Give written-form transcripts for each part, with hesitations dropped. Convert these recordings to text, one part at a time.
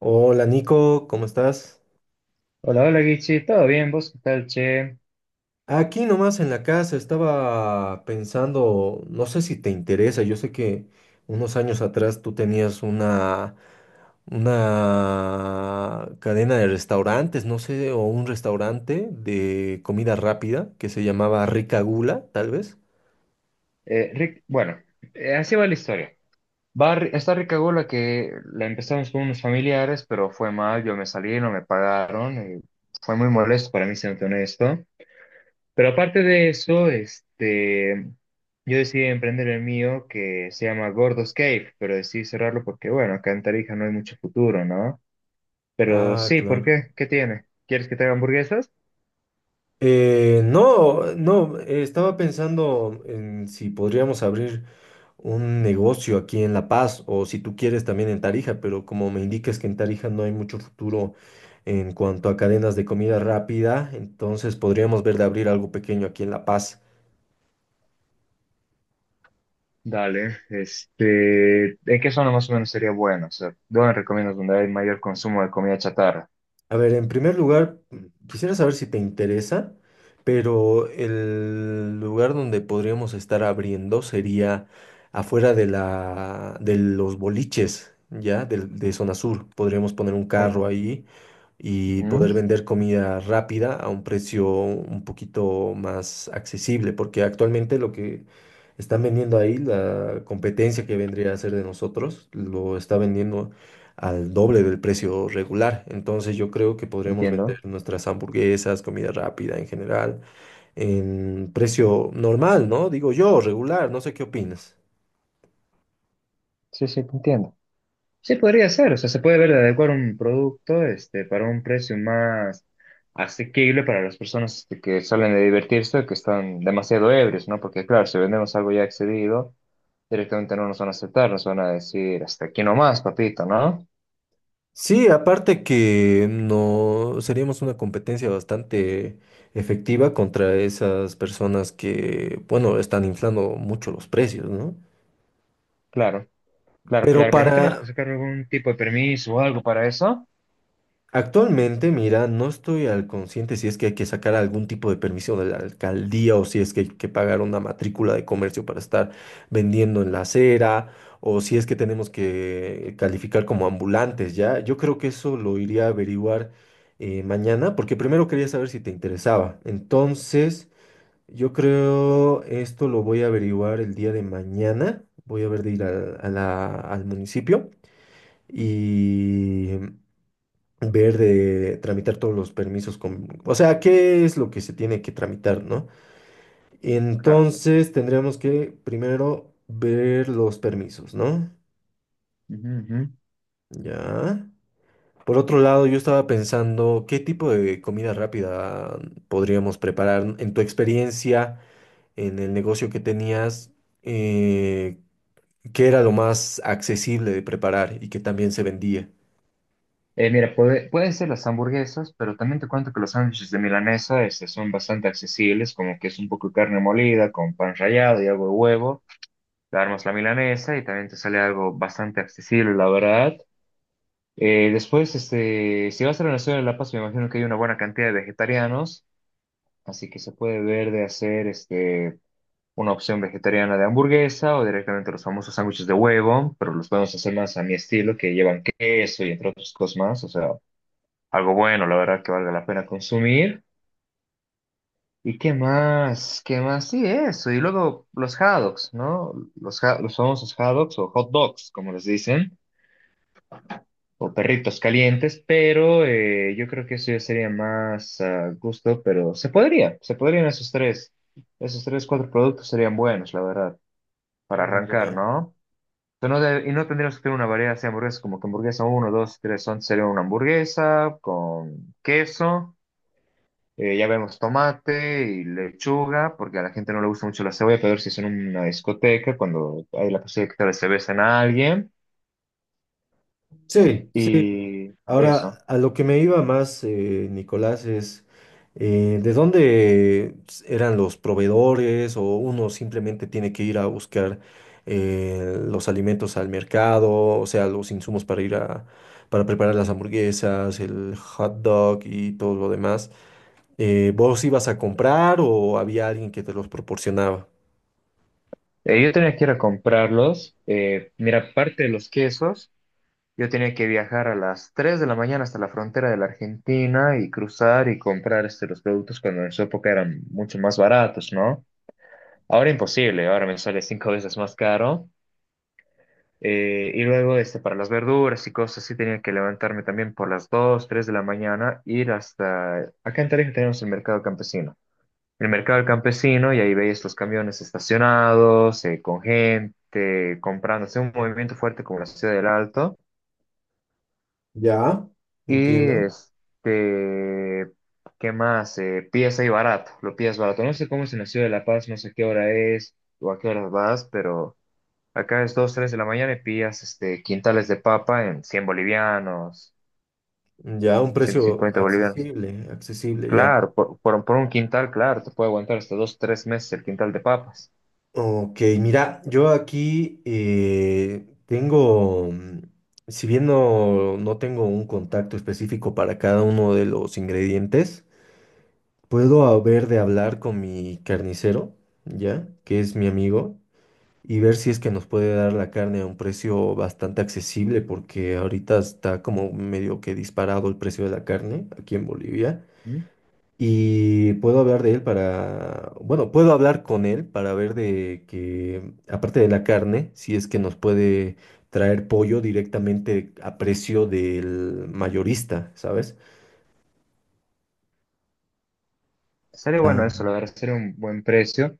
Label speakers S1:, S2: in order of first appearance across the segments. S1: Hola Nico, ¿cómo estás?
S2: Hola, hola Guichi, ¿todo bien? ¿Vos qué tal, che?
S1: Aquí nomás en la casa estaba pensando, no sé si te interesa, yo sé que unos años atrás tú tenías una cadena de restaurantes, no sé, o un restaurante de comida rápida que se llamaba Rica Gula, tal vez.
S2: Rick, bueno, así va la historia. Está Rica Gola que la empezamos con unos familiares, pero fue mal, yo me salí, no me pagaron, y fue muy molesto para mí, siendo honesto. Pero aparte de eso, yo decidí emprender el mío que se llama Gordos Cave, pero decidí cerrarlo porque, bueno, acá en Tarija no hay mucho futuro, ¿no? Pero
S1: Ah,
S2: sí, ¿por
S1: claro.
S2: qué? ¿Qué tiene? ¿Quieres que te haga hamburguesas?
S1: No, no, estaba pensando en si podríamos abrir un negocio aquí en La Paz o si tú quieres también en Tarija, pero como me indicas que en Tarija no hay mucho futuro en cuanto a cadenas de comida rápida, entonces podríamos ver de abrir algo pequeño aquí en La Paz.
S2: Dale, ¿en qué zona más o menos sería bueno? O sea, ¿dónde recomiendas donde hay mayor consumo de comida chatarra?
S1: A ver, en primer lugar, quisiera saber si te interesa, pero el lugar donde podríamos estar abriendo sería afuera de de los boliches, ¿ya? De, Zona Sur. Podríamos poner un carro
S2: Com-
S1: ahí y
S2: Ujú.
S1: poder vender comida rápida a un precio un poquito más accesible, porque actualmente lo que están vendiendo ahí, la competencia que vendría a ser de nosotros, lo está vendiendo al doble del precio regular. Entonces yo creo que podremos vender
S2: Entiendo.
S1: nuestras hamburguesas, comida rápida en general, en precio normal, ¿no? Digo yo, regular, no sé qué opinas.
S2: Sí, sí, te entiendo. Sí, podría ser, o sea, se puede ver de adecuar un producto, para un precio más asequible para las personas que salen de divertirse, que están demasiado ebrios, ¿no? Porque claro, si vendemos algo ya excedido, directamente no nos van a aceptar, nos van a decir, hasta aquí nomás, papito, ¿no?
S1: Sí, aparte que no seríamos una competencia bastante efectiva contra esas personas que, bueno, están inflando mucho los precios, ¿no?
S2: Claro, claro,
S1: Pero
S2: claro, pero no tenemos que
S1: para,
S2: sacar algún tipo de permiso o algo para eso.
S1: Actualmente, mira, no estoy al consciente si es que hay que sacar algún tipo de permiso de la alcaldía o si es que hay que pagar una matrícula de comercio para estar vendiendo en la acera o si es que tenemos que calificar como ambulantes, ¿ya? Yo creo que eso lo iría a averiguar mañana porque primero quería saber si te interesaba. Entonces, yo creo esto lo voy a averiguar el día de mañana. Voy a ver de ir al municipio. Y ver de tramitar todos los permisos con, o sea, qué es lo que se tiene que tramitar, ¿no?
S2: Claro.
S1: Entonces tendríamos que primero ver los permisos, ¿no?
S2: Ujú, ujú.
S1: Ya. Por otro lado, yo estaba pensando qué tipo de comida rápida podríamos preparar en tu experiencia, en el negocio que tenías, eh, qué era lo más accesible de preparar y que también se vendía.
S2: Mira, pueden ser las hamburguesas, pero también te cuento que los sándwiches de milanesa son bastante accesibles, como que es un poco de carne molida con pan rallado y algo de huevo. Le armas la milanesa y también te sale algo bastante accesible, la verdad. Después, si vas a la Nación de La Paz, me imagino que hay una buena cantidad de vegetarianos, así que se puede ver de hacer. Una opción vegetariana de hamburguesa o directamente los famosos sándwiches de huevo, pero los podemos hacer más a mi estilo, que llevan queso y entre otras cosas más, o sea, algo bueno, la verdad que valga la pena consumir. ¿Y qué más? ¿Qué más? Sí, eso. Y luego los hot dogs, ¿no? Los famosos hot dogs o hot dogs, como les dicen, o perritos calientes, pero yo creo que eso ya sería más a gusto, pero se podrían esos tres. Esos tres, cuatro productos serían buenos, la verdad, para
S1: Mm,
S2: arrancar,
S1: ya.
S2: ¿no? Pero y no tendríamos que tener una variedad así de hamburguesas, como que hamburguesa uno 2 3 11 sería una hamburguesa con queso, ya vemos tomate y lechuga, porque a la gente no le gusta mucho la cebolla, pero si es en una discoteca, cuando hay la posibilidad que tal vez se besen a alguien,
S1: Sí, sí.
S2: y eso.
S1: Ahora, a lo que me iba más, Nicolás, es ¿de dónde eran los proveedores o uno simplemente tiene que ir a buscar los alimentos al mercado, o sea, los insumos para ir a, para preparar las hamburguesas, el hot dog y todo lo demás? ¿Vos ibas a comprar o había alguien que te los proporcionaba?
S2: Yo tenía que ir a comprarlos, mira, aparte de los quesos, yo tenía que viajar a las 3 de la mañana hasta la frontera de la Argentina y cruzar y comprar los productos cuando en su época eran mucho más baratos, ¿no? Ahora imposible, ahora me sale cinco veces más caro. Y luego para las verduras y cosas así tenía que levantarme también por las 2 3 de la mañana, ir hasta... Acá en Tarija tenemos el mercado campesino. El mercado del campesino y ahí veis los camiones estacionados, con gente comprando, hace un movimiento fuerte como la ciudad del Alto.
S1: Ya,
S2: Y
S1: entiendo.
S2: ¿qué más? Pies ahí barato, lo pides barato. No sé cómo es en la ciudad de La Paz, no sé qué hora es o a qué horas vas, pero... Acá es 2 3 de la mañana y pillas quintales de papa en 100 bolivianos,
S1: Ya, un
S2: ciento
S1: precio
S2: cincuenta bolivianos.
S1: accesible, accesible, ya.
S2: Claro, por un quintal, claro, te puede aguantar hasta 2 3 meses el quintal de papas.
S1: Ok, mira, yo aquí tengo, si bien no, no tengo un contacto específico para cada uno de los ingredientes, puedo haber de hablar con mi carnicero, ¿ya? Que es mi amigo, y ver si es que nos puede dar la carne a un precio bastante accesible, porque ahorita está como medio que disparado el precio de la carne aquí en Bolivia.
S2: ¿Mm?
S1: Y puedo hablar de él para, bueno, puedo hablar con él para ver de que, aparte de la carne, si es que nos puede traer pollo directamente a precio del mayorista, ¿sabes?
S2: Sería bueno eso, la
S1: Tam-
S2: verdad, sería un buen precio.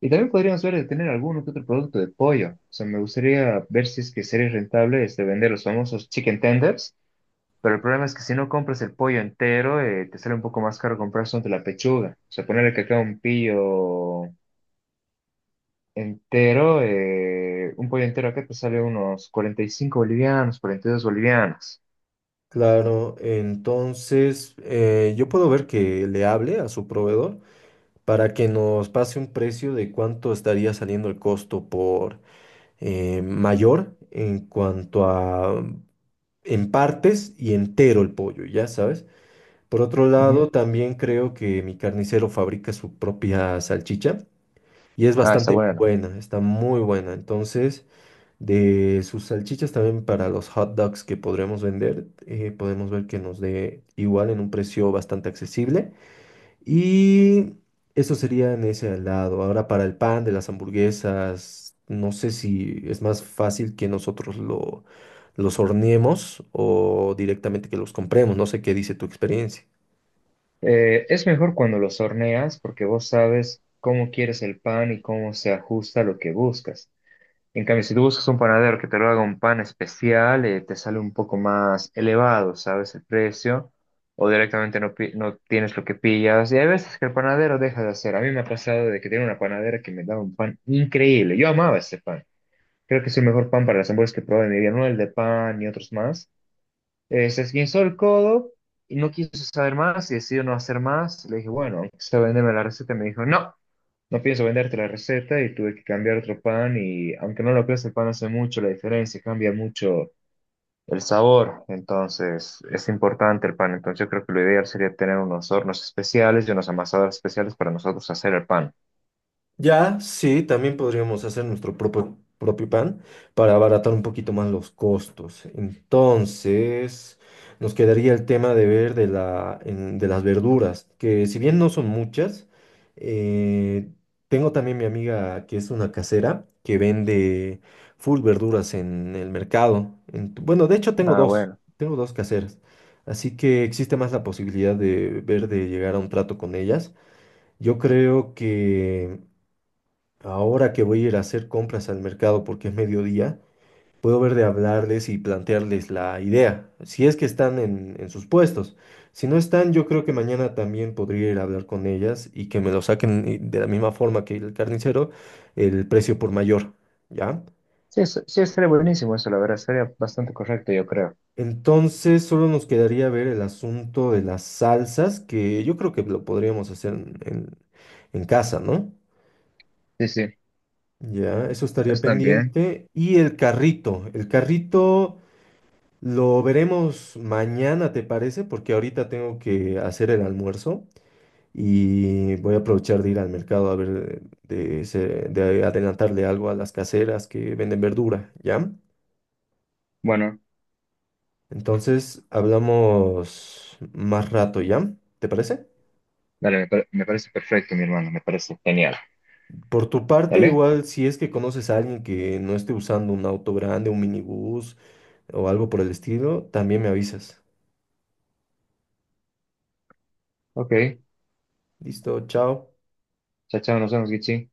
S2: Y también podríamos ver de tener algún que otro producto de pollo. O sea, me gustaría ver si es que sería rentable vender los famosos chicken tenders. Pero el problema es que si no compras el pollo entero, te sale un poco más caro comprar solamente la pechuga. O sea, ponerle que acá un pillo, entero, un pollo entero acá te sale unos 45 bolivianos, 42 bolivianos.
S1: claro, entonces yo puedo ver que le hable a su proveedor para que nos pase un precio de cuánto estaría saliendo el costo por mayor en cuanto a en partes y entero el pollo, ¿ya sabes? Por otro
S2: Ujú.
S1: lado, también creo que mi carnicero fabrica su propia salchicha y es
S2: Ah, está
S1: bastante
S2: bueno.
S1: buena, está muy buena. Entonces, de sus salchichas también para los hot dogs que podremos vender, podemos ver que nos dé igual en un precio bastante accesible. Y eso sería en ese lado. Ahora, para el pan de las hamburguesas, no sé si es más fácil que nosotros los horneemos o directamente que los compremos. No sé qué dice tu experiencia.
S2: Es mejor cuando los horneas porque vos sabes cómo quieres el pan y cómo se ajusta a lo que buscas. En cambio, si tú buscas un panadero que te lo haga un pan especial, te sale un poco más elevado, ¿sabes? El precio. O directamente no, no tienes lo que pillas. Y hay veces que el panadero deja de hacer. A mí me ha pasado de que tenía una panadera que me daba un pan increíble. Yo amaba ese pan. Creo que es el mejor pan para las hamburguesas que probé en mi vida, no el de pan ni otros más. Se esguinzó el codo y no quiso saber más y decidió no hacer más. Le dije, bueno, se venderme la receta. Me dijo, no, no pienso venderte la receta y tuve que cambiar otro pan y aunque no lo creas, el pan hace mucho la diferencia, cambia mucho el sabor. Entonces, es importante el pan. Entonces, yo creo que lo ideal sería tener unos hornos especiales y unos amasadores especiales para nosotros hacer el pan.
S1: Ya, sí, también podríamos hacer nuestro propio pan para abaratar un poquito más los costos. Entonces, nos quedaría el tema de ver de de las verduras, que si bien no son muchas, eh, tengo también mi amiga que es una casera que vende full verduras en el mercado. Bueno, de hecho
S2: Ah, bueno.
S1: tengo dos caseras, así que existe más la posibilidad de ver de llegar a un trato con ellas. Yo creo que... Ahora que voy a ir a hacer compras al mercado porque es mediodía, puedo ver de hablarles y plantearles la idea, si es que están en sus puestos. Si no están, yo creo que mañana también podría ir a hablar con ellas y que me lo saquen de la misma forma que el carnicero, el precio por mayor, ¿ya?
S2: Sí, sí, estaría buenísimo eso, la verdad, sería bastante correcto, yo creo.
S1: Entonces solo nos quedaría ver el asunto de las salsas, que yo creo que lo podríamos hacer en casa, ¿no?
S2: Sí, sí.
S1: Ya, eso estaría
S2: Están bien.
S1: pendiente. Y el carrito... Lo veremos mañana, ¿te parece? Porque ahorita tengo que hacer el almuerzo y voy a aprovechar de ir al mercado a ver de, de adelantarle algo a las caseras que venden verdura, ¿ya?
S2: Bueno,
S1: Entonces hablamos más rato, ¿ya? ¿Te parece?
S2: dale, me parece perfecto, mi hermano, me parece genial.
S1: Por tu parte,
S2: ¿Dale?
S1: igual si es que conoces a alguien que no esté usando un auto grande, un minibús o algo por el estilo, también me avisas.
S2: Ok.
S1: Listo, chao.
S2: Chao, chao, nos vemos, Gichi.